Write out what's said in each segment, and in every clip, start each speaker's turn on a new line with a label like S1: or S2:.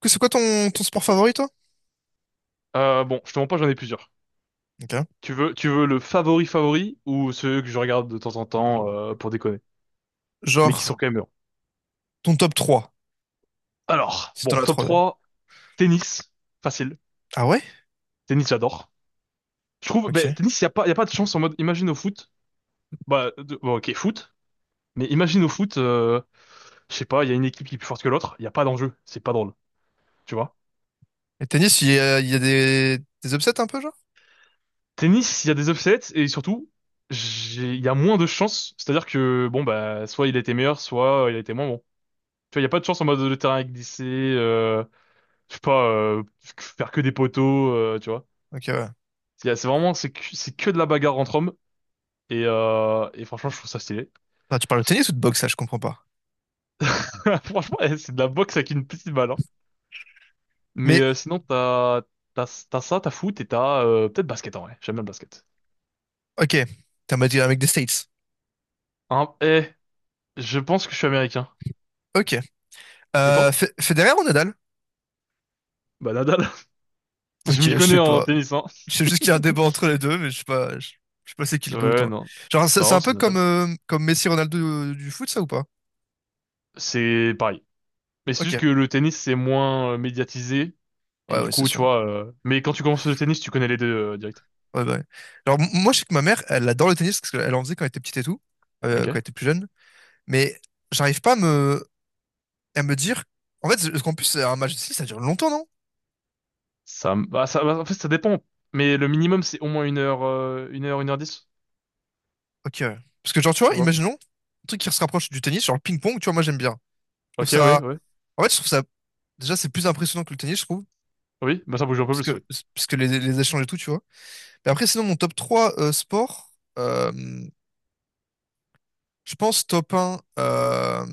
S1: C'est quoi ton sport favori, toi?
S2: Bon, je te mens pas, j'en ai plusieurs.
S1: Ok.
S2: Tu veux le favori favori ou ceux que je regarde de temps en temps pour déconner, mais qui
S1: Genre,
S2: sont quand même bien.
S1: ton top trois
S2: Alors,
S1: si
S2: bon,
S1: t'en as
S2: top
S1: 3 d'ailleurs.
S2: 3 tennis, facile.
S1: Ah ouais?
S2: Tennis, j'adore. Je trouve, ben,
S1: Ok.
S2: tennis, il y a pas de chance en mode, imagine au foot, bah, de- bon, ok, foot, imagine au foot, je sais pas, il y a une équipe qui est plus forte que l'autre, il y a pas d'enjeu, c'est pas drôle, tu vois.
S1: Et tennis, il y a des upsets un peu, genre?
S2: Tennis, il y a des upsets et surtout, il y a moins de chances, c'est-à-dire que, bon, bah, soit il était meilleur, soit il était moins bon. Tu vois, il n'y a pas de chance en mode le terrain est glissé. Je sais pas, faire que des poteaux, tu vois.
S1: Ok, ouais.
S2: C'est vraiment, c'est que de la bagarre entre hommes. Et franchement, je trouve ça stylé.
S1: Attends, tu parles de tennis ou de boxe, ça, je comprends pas.
S2: Franchement, eh, c'est de la boxe avec une petite balle, hein. Mais
S1: Mais,
S2: sinon, t'as ça, t'as foot et t'as peut-être basket en vrai. J'aime bien le basket.
S1: ok. T'as m'a un mec des States.
S2: Hein, eh, je pense que je suis américain.
S1: Ok.
S2: Et toi?
S1: Federer ou Nadal?
S2: Bah Nadal.
S1: Ok,
S2: Je m'y
S1: je
S2: connais
S1: sais
S2: en
S1: pas.
S2: tennis, hein.
S1: Je sais juste qu'il y a un débat entre les deux, mais je sais pas, je sais pas c'est qui le
S2: Ouais,
S1: goût.
S2: ouais, non.
S1: Genre, c'est
S2: Non,
S1: un
S2: c'est
S1: peu comme,
S2: Nadal.
S1: comme Messi Ronaldo du foot, ça ou pas?
S2: C'est pareil. Mais c'est juste
S1: Ok.
S2: que le tennis, c'est moins médiatisé.
S1: Ouais,
S2: Et du
S1: ouais, c'est
S2: coup, tu
S1: sûr.
S2: vois. Mais quand tu commences le tennis, tu connais les deux direct.
S1: Ouais, bah ouais. Genre, moi, je sais que ma mère, elle adore le tennis parce qu'elle en faisait quand elle était petite et tout, quand
S2: Ok.
S1: elle était plus jeune, mais j'arrive pas à me dire. En fait, parce qu'en plus, un match de tennis, ça dure longtemps, non?
S2: Ça, me- bah, ça, bah, en fait, Ça dépend. Mais le minimum, c'est au moins une heure, une heure dix,
S1: Ok, ouais. Parce que, genre, tu
S2: tu
S1: vois,
S2: vois.
S1: imaginons, un truc qui se rapproche du tennis, genre le ping-pong, tu vois, moi, j'aime bien. Je trouve
S2: Ok, ouais,
S1: ça.
S2: ouais.
S1: En fait, je trouve ça. Déjà, c'est plus impressionnant que le tennis, je trouve,
S2: Oui, bah ça bouge un peu
S1: parce
S2: plus,
S1: que
S2: oui.
S1: parce que les échanges et tout, tu vois. Et après, sinon, mon top trois, sport, euh, je pense top un.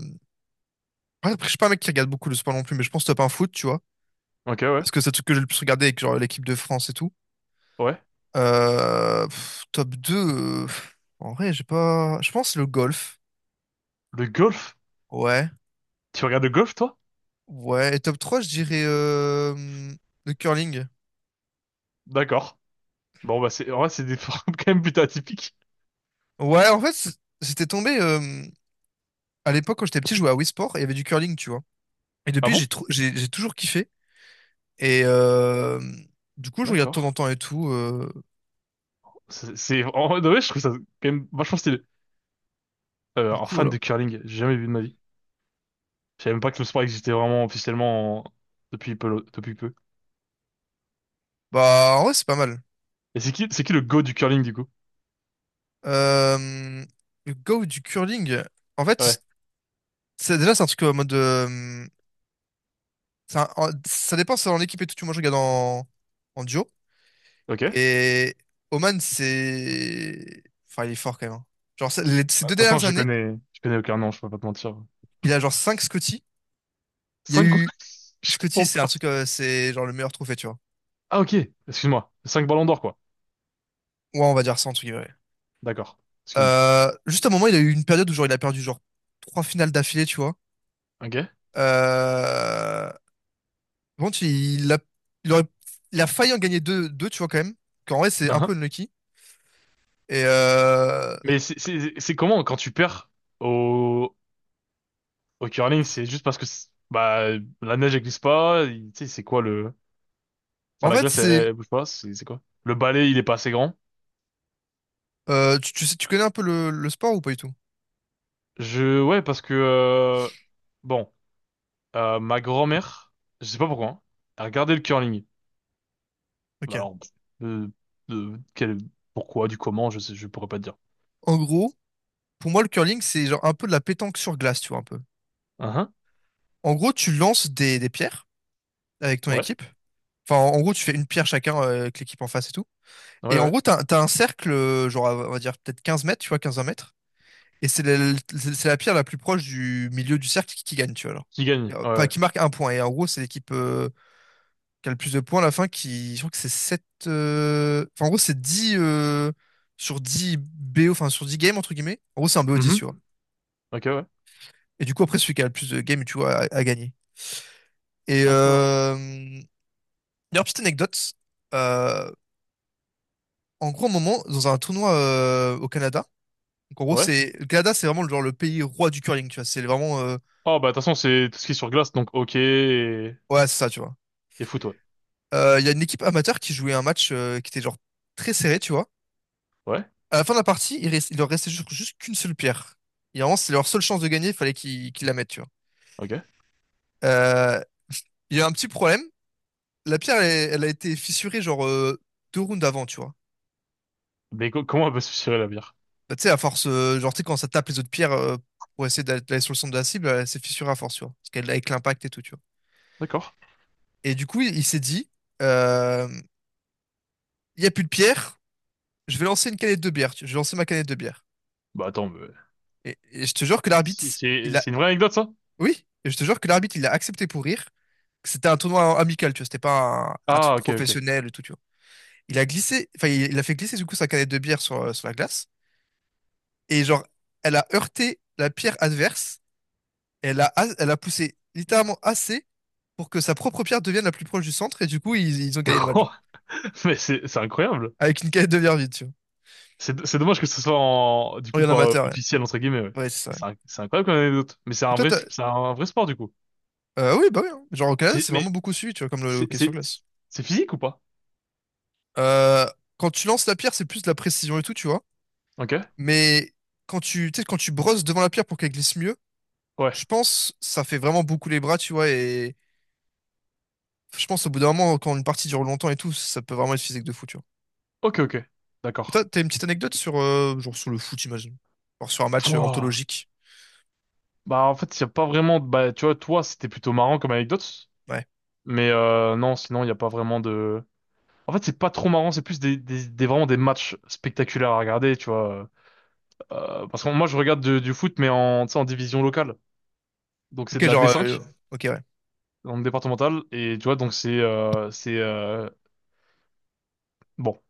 S1: Ouais, après, je suis pas un mec qui regarde beaucoup le sport non plus, mais je pense top un foot, tu vois.
S2: Ok, ouais,
S1: Parce que c'est le truc que j'ai le plus regardé avec genre l'équipe de France et tout.
S2: ouais.
S1: Pff, top deux, pff, en vrai, j'ai pas. Je pense le golf.
S2: Le golf?
S1: Ouais.
S2: Tu regardes le golf, toi?
S1: Ouais. Et top 3 je dirais, le curling.
S2: D'accord. Bon, bah c'est, en vrai, c'est des formes quand même plutôt atypiques.
S1: Ouais, en fait, j'étais tombé, à l'époque, quand j'étais petit, je jouais à Wii Sport et il y avait du curling, tu vois. Et
S2: Ah
S1: depuis, j'ai
S2: bon?
S1: trou- j'ai toujours kiffé. Et du coup, je regarde de temps en
S2: D'accord.
S1: temps et tout,
S2: En vrai, de vrai, je trouve ça quand même vachement stylé.
S1: du
S2: Un
S1: coup,
S2: fan
S1: voilà.
S2: de curling, j'ai jamais vu de ma vie. Je savais même pas que le sport existait vraiment officiellement en- depuis peu, depuis peu.
S1: Bah, en vrai, c'est pas mal.
S2: Et c'est qui le go du curling, du coup?
S1: Euh, le go du curling, en fait,
S2: Ouais,
S1: c'est déjà, c'est un truc en mode, ça dépend, c'est en équipe et tout, tu vois. Moi, je regarde en duo.
S2: ok. De
S1: Et Oman, c'est. Enfin, il est fort quand même, hein. Genre, ces deux
S2: toute façon,
S1: dernières années,
S2: je connais aucun nom, je peux pas te mentir.
S1: il a genre 5 Scotty. Il y a
S2: Cinq quoi?
S1: eu.
S2: Je
S1: Scotty,
S2: comprends
S1: c'est un
S2: pas.
S1: truc, c'est genre le meilleur trophée, tu vois.
S2: Ah ok, excuse-moi. Cinq ballons d'or quoi.
S1: Ouais, on va dire ça, en tout cas.
S2: D'accord, excuse-moi.
S1: Juste à un moment, il a eu une période où genre, il a perdu genre trois finales d'affilée, tu vois.
S2: Ok.
S1: Euh, bon, il aurait, il a failli en gagner deux, deux, tu vois, quand même. Qu'en vrai, c'est un
S2: Uhum.
S1: peu unlucky. Et
S2: C'est comment quand tu perds au, au curling? C'est juste parce que c'est- bah la neige elle glisse pas. Tu sais c'est quoi le... Enfin
S1: en
S2: la
S1: fait,
S2: glace elle,
S1: c'est,
S2: elle bouge pas. C'est quoi? Le balai il est pas assez grand.
S1: tu sais, tu connais un peu le sport ou pas du tout?
S2: Je Ouais parce que bon ma grand-mère je sais pas pourquoi hein, elle regardait le curling.
S1: Ok.
S2: Bah, alors pff, euh, quel pourquoi du comment je sais je pourrais pas te dire.
S1: En gros, pour moi, le curling, c'est genre un peu de la pétanque sur glace, tu vois, un peu.
S2: Uhum.
S1: En gros, tu lances des pierres avec ton
S2: Ouais,
S1: équipe. Enfin, en gros, tu fais une pierre chacun, avec l'équipe en face et tout.
S2: ouais,
S1: Et en
S2: ouais.
S1: gros, t'as un cercle, genre, on va dire peut-être 15 mètres, tu vois, 15 20 mètres. Et c'est la pierre la plus proche du milieu du cercle qui gagne, tu vois. Alors.
S2: Qui gagne? Ouais,
S1: Enfin,
S2: ouais.
S1: qui marque un point. Et en gros, c'est l'équipe qui a le plus de points à la fin qui. Je crois que c'est 7. Enfin, en gros, c'est 10, sur 10 BO, enfin sur 10 games, entre guillemets. En gros, c'est un BO 10
S2: Mhm.
S1: sur.
S2: Ok, ouais.
S1: Et du coup, après, celui qui a le plus de games, tu vois, a gagné. Et
S2: D'accord.
S1: euh... D'ailleurs, petite anecdote. euh, En gros, un moment, dans un tournoi, au Canada, donc en gros,
S2: Ouais.
S1: c'est. Le Canada, c'est vraiment le, genre, le pays roi du curling, tu vois. C'est vraiment.
S2: Oh, bah, de toute façon, c'est tout ce qui est sur glace, donc ok,
S1: Ouais, c'est ça, tu vois.
S2: et foot, ouais.
S1: Il y a une équipe amateur qui jouait un match, qui était genre très serré, tu vois.
S2: Ouais,
S1: À la fin de la partie, il leur restait juste qu'une seule pierre. Et vraiment, c'est leur seule chance de gagner, il fallait qu'ils la mettent, tu vois.
S2: ok.
S1: Euh, Il y a un petit problème. La pierre, elle a été fissurée genre, deux rounds avant, tu vois.
S2: Mais co- comment elle va se tirer la bière?
S1: Bah, tu sais, à force, genre, tu sais, quand ça tape les autres pierres, pour essayer d'aller sur le centre de la cible, elle s'est fissurée à force, tu vois. Parce qu'elle avec l'impact et tout, tu vois.
S2: D'accord.
S1: Et du coup, il s'est dit, euh, il y a plus de pierre, je vais lancer une canette de bière, je vais lancer ma canette de bière.
S2: Bah, attends, mais...
S1: Et je te jure que l'arbitre,
S2: si-
S1: il...
S2: c'est une vraie anecdote, ça?
S1: Oui, et je te jure que l'arbitre, il a accepté pour rire. Que c'était un tournoi amical, tu vois, c'était pas un truc
S2: Ah, ok, ok.
S1: professionnel et tout, tu vois. Il a glissé, enfin, il a fait glisser du coup sa canette de bière sur la glace. Et genre, elle a heurté la pierre adverse. Elle a poussé littéralement assez pour que sa propre pierre devienne la plus proche du centre. Et du coup, ils ont gagné le match, genre.
S2: Oh, mais c'est incroyable.
S1: Avec une canette de bière vide, tu vois.
S2: C'est dommage que ce soit en, du
S1: Oh, il
S2: coup
S1: y en a
S2: pas
S1: amateur, ouais.
S2: officiel entre guillemets. Ouais.
S1: Ouais, c'est ça, ouais.
S2: C'est un- c'est incroyable comme anecdote. Mais
S1: Et toi,
S2: c'est un vrai sport du coup.
S1: oui, bah oui, hein. Genre, au Canada,
S2: C'est
S1: c'est
S2: mais
S1: vraiment beaucoup suivi, tu vois, comme le
S2: c'est
S1: hockey sur
S2: c'est
S1: glace.
S2: c'est physique ou pas?
S1: Euh, Quand tu lances la pierre, c'est plus de la précision et tout, tu vois.
S2: Ok.
S1: Mais tu sais, quand tu brosses devant la pierre pour qu'elle glisse mieux,
S2: Ouais.
S1: je pense ça fait vraiment beaucoup les bras, tu vois. Et je pense au bout d'un moment, quand une partie dure longtemps et tout, ça peut vraiment être physique de fou, tu vois.
S2: Ok, ok.
S1: Et toi,
S2: D'accord.
S1: t'as une petite anecdote sur, genre sur le foot, imagine. Genre sur un match,
S2: Pouah.
S1: anthologique.
S2: Bah en fait, il n'y a pas vraiment de... Bah tu vois, toi, c'était plutôt marrant comme anecdote,
S1: Ouais.
S2: mais non, sinon, il n'y a pas vraiment de... En fait, c'est pas trop marrant, c'est plus vraiment des matchs spectaculaires à regarder, tu vois. Parce que moi, je regarde de- du foot, mais en, tu sais, en division locale. Donc c'est
S1: Ok,
S2: de la
S1: genre,
S2: D5,
S1: ok, ouais.
S2: en départementale, et tu vois, donc c'est... bon,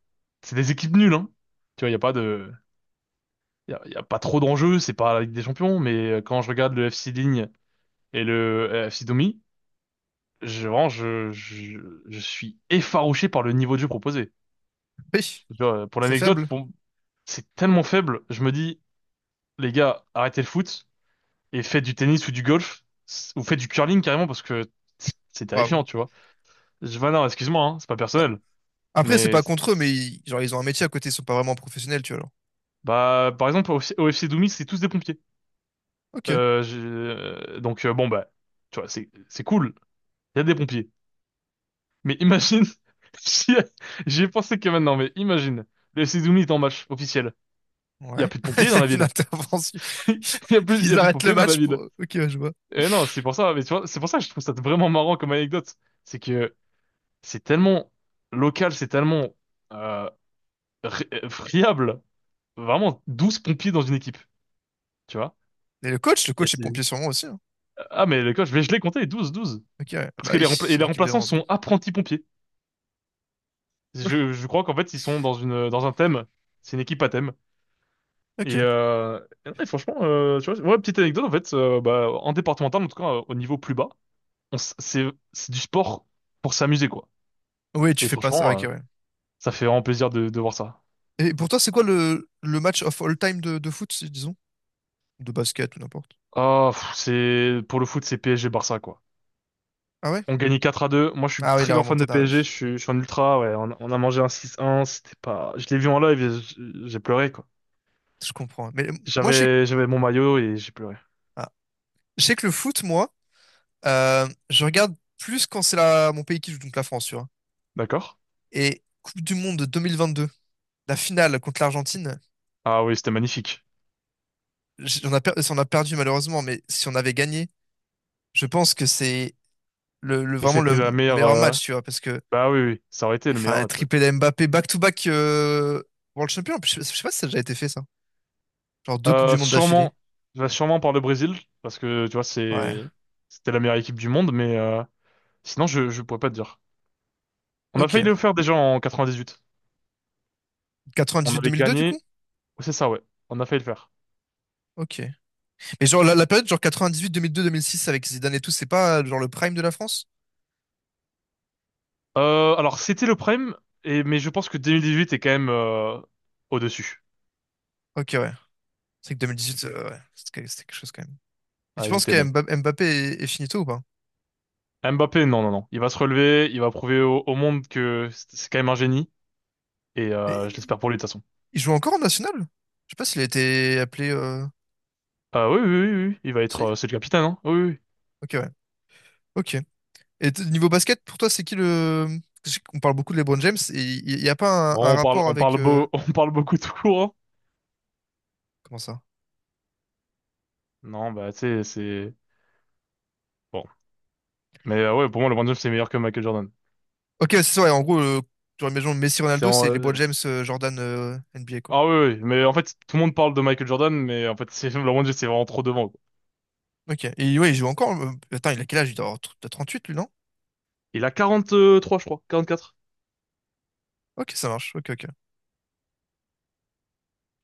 S2: c'est des équipes nulles, hein. Tu vois, il n'y a pas de... y a pas trop d'enjeux, c'est pas la Ligue des Champions, mais quand je regarde le FC Ligne et le FC Domi, je, vraiment, je suis effarouché par le niveau de jeu proposé.
S1: Oui,
S2: Tu vois, pour
S1: c'est
S2: l'anecdote,
S1: faible.
S2: pour- c'est tellement faible. Je me dis, les gars, arrêtez le foot et faites du tennis ou du golf ou faites du curling carrément parce que c'est
S1: Bravo.
S2: terrifiant, tu vois. Je, bah non, excuse-moi, hein, c'est pas personnel.
S1: Après, c'est
S2: Mais
S1: pas contre eux, mais ils, genre, ils ont un métier à côté, ils sont pas vraiment professionnels, tu vois, alors.
S2: bah, par exemple, au FC Doumbis, c'est tous des pompiers.
S1: Ok.
S2: Bon bah, tu vois, c'est cool. Il y a des pompiers. Mais imagine, j'y ai j'y ai pensé que maintenant, mais imagine, le FC Doumbis est en match officiel. Il y a
S1: Ouais.
S2: plus de pompiers
S1: Il y
S2: dans
S1: a
S2: la
S1: une
S2: ville.
S1: intervention.
S2: Il y a
S1: Ils
S2: plus de
S1: arrêtent le
S2: pompiers dans la
S1: match
S2: ville.
S1: pour. Ok, ouais, je vois.
S2: Et non, c'est pour ça, mais tu vois, c'est pour ça que je trouve ça vraiment marrant comme anecdote. C'est que c'est tellement local, c'est tellement euh, friable. Vraiment, 12 pompiers dans une équipe, tu vois.
S1: Et le coach, le
S2: Et
S1: coach est
S2: c'est-
S1: pompier sûrement aussi, hein.
S2: ah, mais le coach, mais je l'ai compté, 12.
S1: Ok, ouais,
S2: Parce
S1: bah
S2: que
S1: oui,
S2: les, rempla- et
S1: c'est
S2: les
S1: une équipe de
S2: remplaçants
S1: 11, ouais.
S2: sont apprentis pompiers. Je crois qu'en fait, ils sont dans une, dans un thème. C'est une équipe à thème. Et,
S1: Ok.
S2: euh, et non, et franchement, tu vois, ouais, petite anecdote, en fait, bah, en départemental, en tout cas, au niveau plus bas, on s- c'est c'est du sport pour s'amuser quoi.
S1: Oui, tu
S2: Et
S1: fais pas ça. Ouais,
S2: franchement,
S1: ok, ouais.
S2: ça fait vraiment plaisir de voir ça.
S1: Et pour toi, c'est quoi le match of all time de foot, disons? De basket ou n'importe.
S2: Ah, pff, c'est pour le foot, c'est PSG Barça quoi.
S1: Ah ouais?
S2: On gagnait 4 à 2. Moi, je suis
S1: Ah oui,
S2: très
S1: la
S2: grand fan de
S1: remontada, oui.
S2: PSG. Je suis un ultra. Ouais, on a mangé un 6-1. C'était pas. Je l'ai vu en live, j'ai pleuré quoi.
S1: Je comprends, ouais. Mais moi, je sais que,
S2: J'avais mon maillot et j'ai pleuré.
S1: ah. Je sais que le foot, moi, je regarde plus quand c'est la... mon pays qui joue, donc la France, tu vois.
S2: D'accord?
S1: Et Coupe du Monde 2022, la finale contre l'Argentine,
S2: Ah oui, c'était magnifique.
S1: on a perdu malheureusement, mais si on avait gagné, je pense que c'est
S2: Mais
S1: vraiment le
S2: c'était la meilleure.
S1: meilleur match, tu vois, parce que.
S2: Bah oui, oui, ça aurait été le
S1: Enfin,
S2: meilleur
S1: un
S2: match, oui.
S1: triplé de Mbappé back-to-back, World Champion. Je sais pas si ça a déjà été fait, ça. Genre deux Coupes du Monde d'affilée.
S2: Sûrement, je vais sûrement par le Brésil parce que tu vois
S1: Ouais.
S2: c'était la meilleure équipe du monde, mais sinon, je pourrais pas te dire. On a failli
S1: Ok.
S2: le faire déjà en 98. On avait
S1: 98-2002, du coup?
S2: gagné. C'est ça, ouais. On a failli le faire.
S1: Ok. Mais genre, la période, genre 98-2002-2006 avec Zidane et tout, c'est pas, genre le prime de la France?
S2: Alors, c'était le prime, et, mais je pense que 2018 est quand même au-dessus.
S1: Ok, ouais. C'est que 2018, ouais. C'était quelque chose quand même. Et tu
S2: Ah, ils
S1: penses
S2: étaient
S1: que
S2: bons.
S1: Mbappé est finito ou pas?
S2: Mbappé, non, non, non. Il va se relever, il va prouver au, au monde que c'est quand même un génie, et
S1: Et
S2: je l'espère pour lui de toute façon.
S1: il joue encore en national? Je sais pas s'il a été appelé,
S2: Ah oui, oui, oui, oui, oui. Il va être...
S1: si?
S2: c'est le capitaine, hein? Oui, oui, oui.
S1: Ok, ouais. Ok. Et niveau basket, pour toi, c'est qui le... Je sais qu'on parle beaucoup de LeBron James, et il n'y a pas un,
S2: Bon,
S1: un rapport avec...
S2: on parle beaucoup tout court, hein.
S1: comment ça?
S2: Non, bah, tu sais, c'est... Bon. Mais ouais, pour moi, LeBron James, c'est meilleur que Michael Jordan.
S1: Ok, c'est ça, ouais, en gros, genre, imaginons
S2: C'est
S1: Messi-Ronaldo,
S2: en-
S1: c'est LeBron
S2: euh,
S1: James, Jordan, NBA, quoi.
S2: Ah oui, oui, mais en fait, tout le monde parle de Michael Jordan, mais en fait, c'est LeBron James, c'est vraiment trop devant, quoi.
S1: Ok, et ouais, il joue encore, attends, il a quel âge? Il doit avoir t'as 38, lui, non?
S2: Il a 43, je crois,
S1: Ok, ça marche, ok, ok.